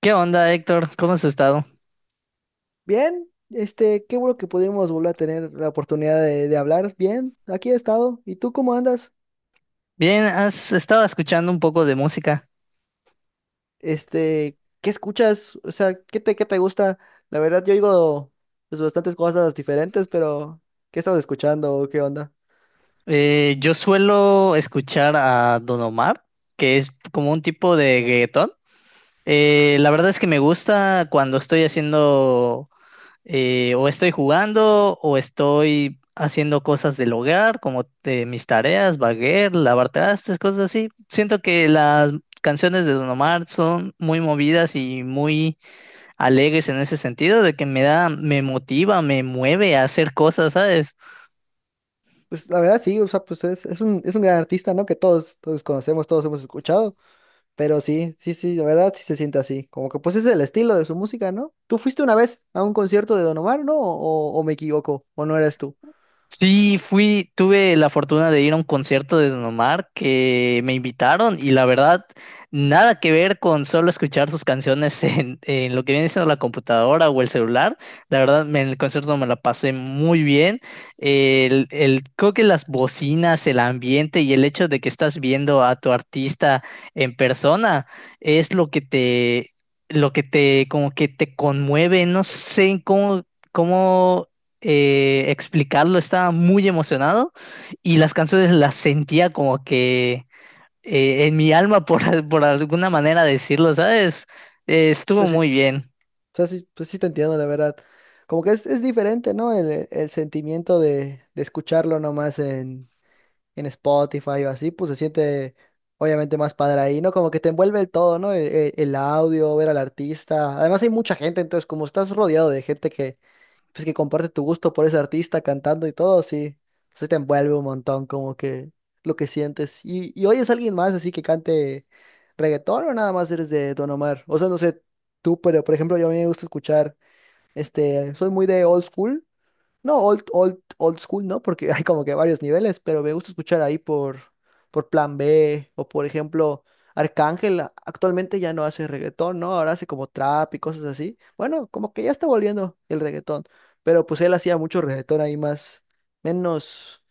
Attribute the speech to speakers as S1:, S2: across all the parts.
S1: ¿Qué onda, Héctor? ¿Cómo has estado?
S2: Bien, qué bueno que pudimos volver a tener la oportunidad de hablar. Bien, aquí he estado. ¿Y tú cómo andas?
S1: Bien, has estado escuchando un poco de música.
S2: ¿Qué escuchas? O sea, ¿qué te gusta? La verdad, yo oigo pues bastantes cosas diferentes, pero ¿qué estabas escuchando? ¿O qué onda?
S1: Yo suelo escuchar a Don Omar, que es como un tipo de reggaetón. La verdad es que me gusta cuando estoy haciendo o estoy jugando o estoy haciendo cosas del hogar, como mis tareas, baguer, lavar trastes, cosas así. Siento que las canciones de Don Omar son muy movidas y muy alegres en ese sentido, de que me da, me motiva, me mueve a hacer cosas, ¿sabes?
S2: Pues la verdad sí, o sea, pues es un gran artista, ¿no? Que todos conocemos, todos hemos escuchado. Pero sí, sí, sí, la verdad sí se siente así. Como que pues es el estilo de su música, ¿no? ¿Tú fuiste una vez a un concierto de Don Omar, no? ¿O me equivoco? ¿O no eras tú?
S1: Sí, fui, tuve la fortuna de ir a un concierto de Don Omar que me invitaron y la verdad, nada que ver con solo escuchar sus canciones en lo que viene siendo la computadora o el celular. La verdad, en el concierto me la pasé muy bien. Creo que las bocinas, el ambiente y el hecho de que estás viendo a tu artista en persona es lo que te, como que te conmueve. No sé cómo, cómo explicarlo, estaba muy emocionado y las canciones las sentía como que en mi alma, por alguna manera decirlo, ¿sabes? Estuvo
S2: Pues, o
S1: muy bien.
S2: sea, sí, pues sí te entiendo, la verdad. Como que es diferente, ¿no? El sentimiento de escucharlo nomás en Spotify o así, pues se siente obviamente más padre ahí, ¿no? Como que te envuelve el todo, ¿no? El audio, ver al artista. Además hay mucha gente, entonces como estás rodeado de gente que, pues que comparte tu gusto por ese artista cantando y todo, sí, sí te envuelve un montón como que lo que sientes. ¿Y oyes a alguien más así que cante reggaetón o nada más eres de Don Omar? O sea, no sé tú, pero por ejemplo, yo, a mí me gusta escuchar, soy muy de old school, no, old, old, old school, ¿no? Porque hay como que varios niveles, pero me gusta escuchar ahí por Plan B o por ejemplo Arcángel. Actualmente ya no hace reggaetón, ¿no? Ahora hace como trap y cosas así. Bueno, como que ya está volviendo el reggaetón, pero pues él hacía mucho reggaetón ahí menos,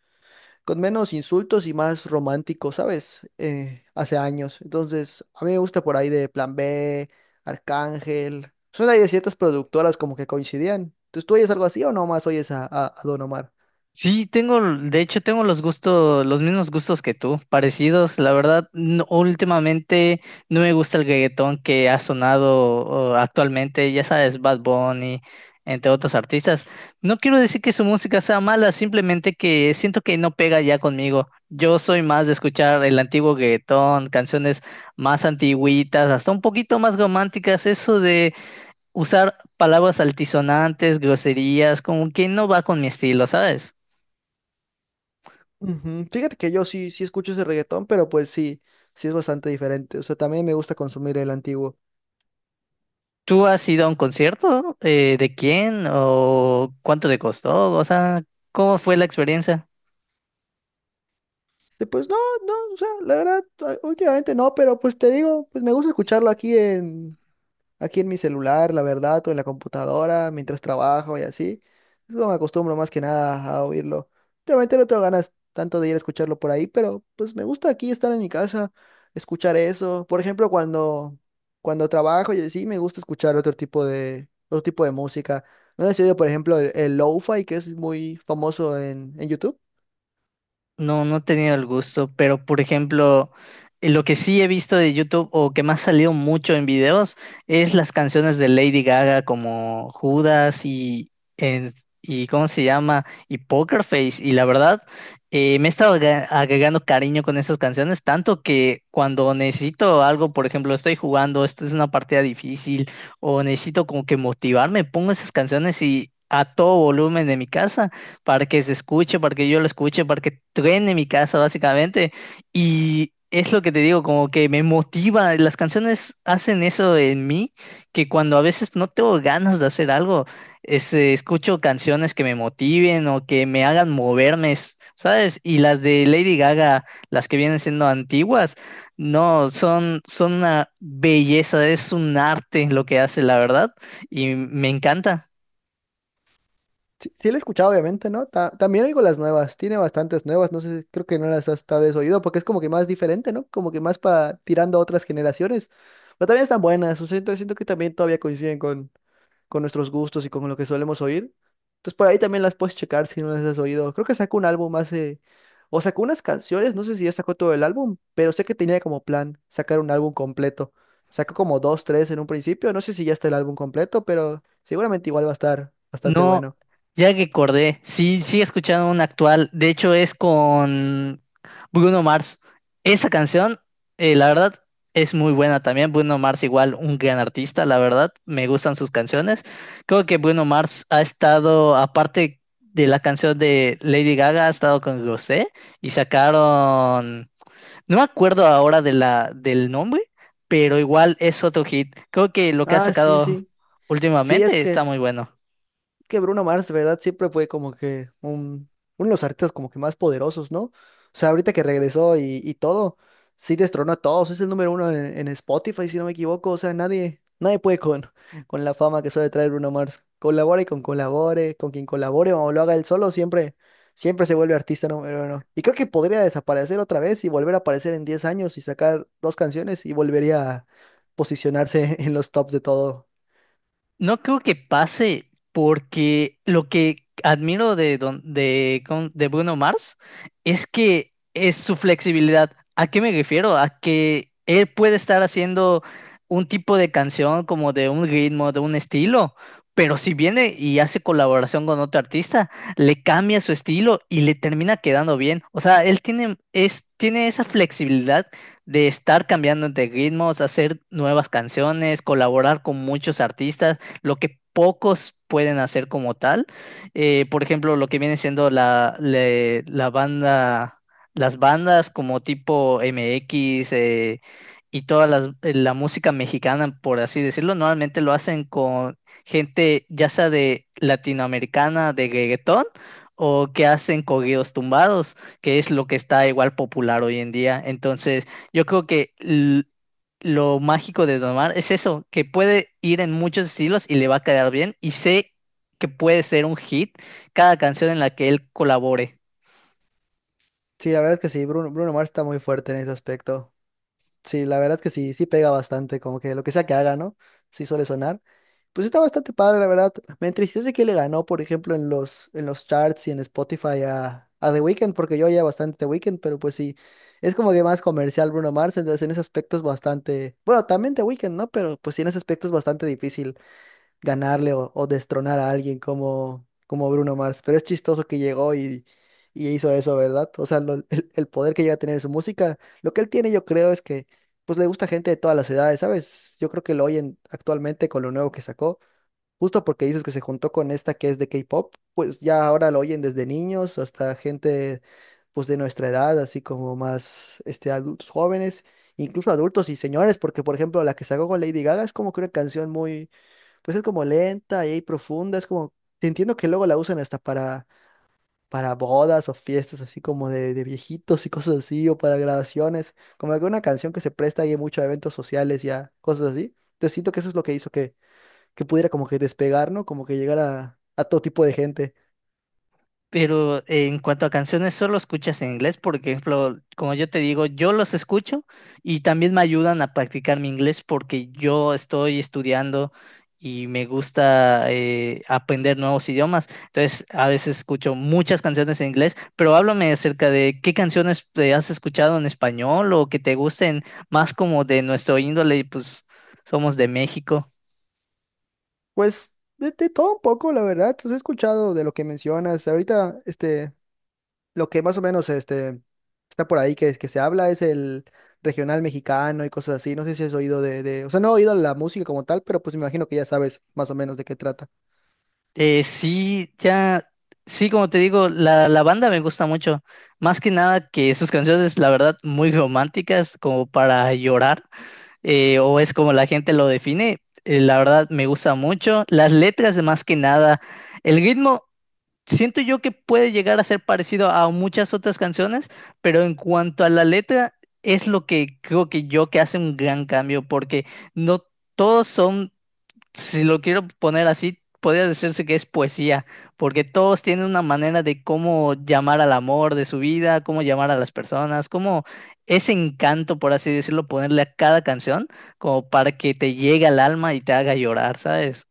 S2: con menos insultos y más romántico, ¿sabes? Hace años. Entonces, a mí me gusta por ahí de Plan B, Arcángel. Son ahí de ciertas productoras como que coincidían. Entonces, ¿tú oyes algo así o nomás oyes a Don Omar?
S1: Sí, tengo, de hecho, tengo los gustos, los mismos gustos que tú, parecidos. La verdad, últimamente no me gusta el reggaetón que ha sonado oh, actualmente, ya sabes, Bad Bunny, entre otros artistas. No quiero decir que su música sea mala, simplemente que siento que no pega ya conmigo. Yo soy más de escuchar el antiguo reggaetón, canciones más antigüitas, hasta un poquito más románticas, eso de usar palabras altisonantes, groserías, como que no va con mi estilo, ¿sabes?
S2: Ujú. Fíjate que yo sí escucho ese reggaetón, pero pues sí es bastante diferente. O sea, también me gusta consumir el antiguo.
S1: ¿Tú has ido a un concierto? ¿De quién? ¿O cuánto te costó? O sea, ¿cómo fue la experiencia?
S2: Y pues no, no, o sea, la verdad, últimamente no, pero pues te digo, pues me gusta escucharlo aquí en mi celular, la verdad, o en la computadora, mientras trabajo y así. Es como me acostumbro más que nada a oírlo. Obviamente no tengo ganas tanto de ir a escucharlo por ahí, pero pues me gusta aquí estar en mi casa, escuchar eso. Por ejemplo, cuando trabajo y así, me gusta escuchar otro tipo de música. ¿No has oído, por ejemplo, el lo-fi, que es muy famoso en YouTube?
S1: No, no he tenido el gusto, pero por ejemplo, lo que sí he visto de YouTube o que me ha salido mucho en videos es las canciones de Lady Gaga como Judas y, y ¿cómo se llama? Y Poker Face. Y la verdad, me he estado agregando cariño con esas canciones, tanto que cuando necesito algo, por ejemplo, estoy jugando, esta es una partida difícil o necesito como que motivarme, pongo esas canciones y a todo volumen de mi casa para que se escuche, para que yo lo escuche, para que truene mi casa, básicamente. Y es lo que te digo, como que me motiva. Las canciones hacen eso en mí, que cuando a veces no tengo ganas de hacer algo, escucho canciones que me motiven o que me hagan moverme, ¿sabes? Y las de Lady Gaga, las que vienen siendo antiguas, no, son una belleza, es un arte lo que hace, la verdad, y me encanta.
S2: Sí, sí la he escuchado, obviamente, ¿no? También oigo las nuevas, tiene bastantes nuevas, no sé, creo que no las has tal vez oído, porque es como que más diferente, ¿no? Como que más, para tirando a otras generaciones, pero también están buenas, o sea, siento que también todavía coinciden con nuestros gustos y con lo que solemos oír. Entonces por ahí también las puedes checar si no las has oído. Creo que sacó un álbum o sacó unas canciones, no sé si ya sacó todo el álbum, pero sé que tenía como plan sacar un álbum completo. Sacó como dos, tres en un principio, no sé si ya está el álbum completo, pero seguramente igual va a estar bastante
S1: No,
S2: bueno.
S1: ya que acordé, sí he escuchado una actual, de hecho es con Bruno Mars. Esa canción, la verdad, es muy buena también. Bruno Mars igual un gran artista, la verdad, me gustan sus canciones. Creo que Bruno Mars ha estado, aparte de la canción de Lady Gaga, ha estado con Rosé y sacaron, no me acuerdo ahora del nombre, pero igual es otro hit. Creo que lo que ha
S2: Ah, sí,
S1: sacado
S2: sí. Sí, es
S1: últimamente está
S2: que
S1: muy bueno.
S2: que Bruno Mars, de verdad, siempre fue como que uno de los artistas como que más poderosos, ¿no? O sea, ahorita que regresó y todo, sí destronó a todos. Es el número uno en Spotify, si no me equivoco. O sea, nadie puede con, con la fama que suele traer Bruno Mars. Con quien colabore o lo haga él solo, siempre se vuelve artista número uno. Y creo que podría desaparecer otra vez y volver a aparecer en 10 años y sacar dos canciones y volvería a posicionarse en los tops de todo.
S1: No creo que pase porque lo que admiro de, Don- de, con- de Bruno Mars es que es su flexibilidad. ¿A qué me refiero? A que él puede estar haciendo un tipo de canción como de un ritmo, de un estilo, pero si viene y hace colaboración con otro artista, le cambia su estilo y le termina quedando bien. O sea, tiene esa flexibilidad de estar cambiando de ritmos, hacer nuevas canciones, colaborar con muchos artistas, lo que pocos pueden hacer como tal. Por ejemplo, lo que viene siendo la banda, las bandas como tipo MX y la música mexicana, por así decirlo, normalmente lo hacen con gente ya sea de latinoamericana, de reggaetón, o que hacen corridos tumbados, que es lo que está igual popular hoy en día. Entonces, yo creo que lo mágico de Don Omar es eso, que puede ir en muchos estilos y le va a quedar bien. Y sé que puede ser un hit cada canción en la que él colabore.
S2: Sí, la verdad que sí, Bruno Mars está muy fuerte en ese aspecto. Sí, la verdad es que sí pega bastante, como que lo que sea que haga, ¿no? Sí suele sonar. Pues está bastante padre, la verdad. Me entristece que le ganó, por ejemplo, en los, charts y en Spotify a The Weeknd, porque yo oía bastante The Weeknd, pero pues sí, es como que más comercial Bruno Mars, entonces en ese aspecto es bastante, bueno, también The Weeknd, ¿no? Pero pues sí, en ese aspecto es bastante difícil ganarle o destronar a alguien como Bruno Mars. Pero es chistoso que llegó y hizo eso, ¿verdad? O sea, el poder que llega a tener su música, lo que él tiene, yo creo es que pues le gusta gente de todas las edades, ¿sabes? Yo creo que lo oyen actualmente con lo nuevo que sacó, justo porque dices que se juntó con esta que es de K-pop, pues ya ahora lo oyen desde niños hasta gente pues de nuestra edad, así como más adultos jóvenes, incluso adultos y señores, porque por ejemplo la que sacó con Lady Gaga es como que una canción muy, pues es como lenta y profunda, es como, entiendo que luego la usan hasta para bodas o fiestas así como de viejitos y cosas así, o para grabaciones, como alguna canción que se presta ahí mucho a eventos sociales y a cosas así. Entonces siento que eso es lo que hizo que pudiera como que despegar, ¿no? Como que llegar a todo tipo de gente.
S1: Pero en cuanto a canciones, ¿solo escuchas en inglés? Por ejemplo, como yo te digo, yo los escucho y también me ayudan a practicar mi inglés porque yo estoy estudiando y me gusta aprender nuevos idiomas. Entonces, a veces escucho muchas canciones en inglés, pero háblame acerca de qué canciones has escuchado en español o que te gusten más como de nuestro índole, pues somos de México.
S2: Pues de todo un poco, la verdad. Entonces he escuchado de lo que mencionas. Ahorita, lo que más o menos está por ahí que se habla es el regional mexicano y cosas así. No sé si has oído O sea, no he oído la música como tal, pero pues me imagino que ya sabes más o menos de qué trata.
S1: Eh, sí, ya, sí, como te digo, la banda me gusta mucho. Más que nada que sus canciones, la verdad, muy románticas, como para llorar, o es como la gente lo define. La verdad, me gusta mucho. Las letras, más que nada, el ritmo, siento yo que puede llegar a ser parecido a muchas otras canciones, pero en cuanto a la letra, es lo que creo que yo que hace un gran cambio, porque no todos son, si lo quiero poner así, podría decirse que es poesía, porque todos tienen una manera de cómo llamar al amor de su vida, cómo llamar a las personas, cómo ese encanto, por así decirlo, ponerle a cada canción, como para que te llegue al alma y te haga llorar, ¿sabes?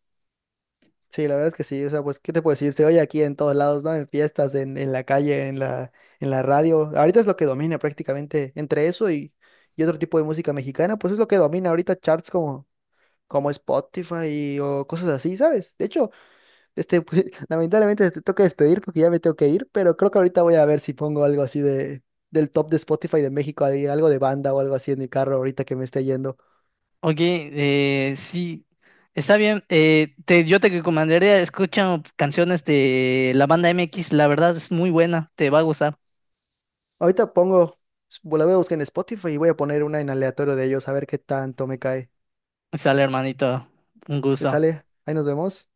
S2: Sí, la verdad es que sí. O sea, pues, ¿qué te puedo decir? Se oye aquí en todos lados, ¿no? En fiestas, en la calle, en la radio. Ahorita es lo que domina prácticamente, entre eso y otro tipo de música mexicana. Pues es lo que domina ahorita charts como Spotify o cosas así, ¿sabes? De hecho, pues, lamentablemente te toca despedir porque ya me tengo que ir, pero creo que ahorita voy a ver si pongo algo así de del top de Spotify de México, ahí, algo de banda o algo así en mi carro ahorita que me esté yendo.
S1: Oye, sí, está bien. Te, yo te recomendaría, escucha canciones de la banda MX, la verdad es muy buena, te va a gustar.
S2: Ahorita pongo, la voy a buscar en Spotify y voy a poner una en aleatorio de ellos a ver qué tanto me cae.
S1: Sale, hermanito, un
S2: ¿Te
S1: gusto.
S2: sale? Ahí nos vemos.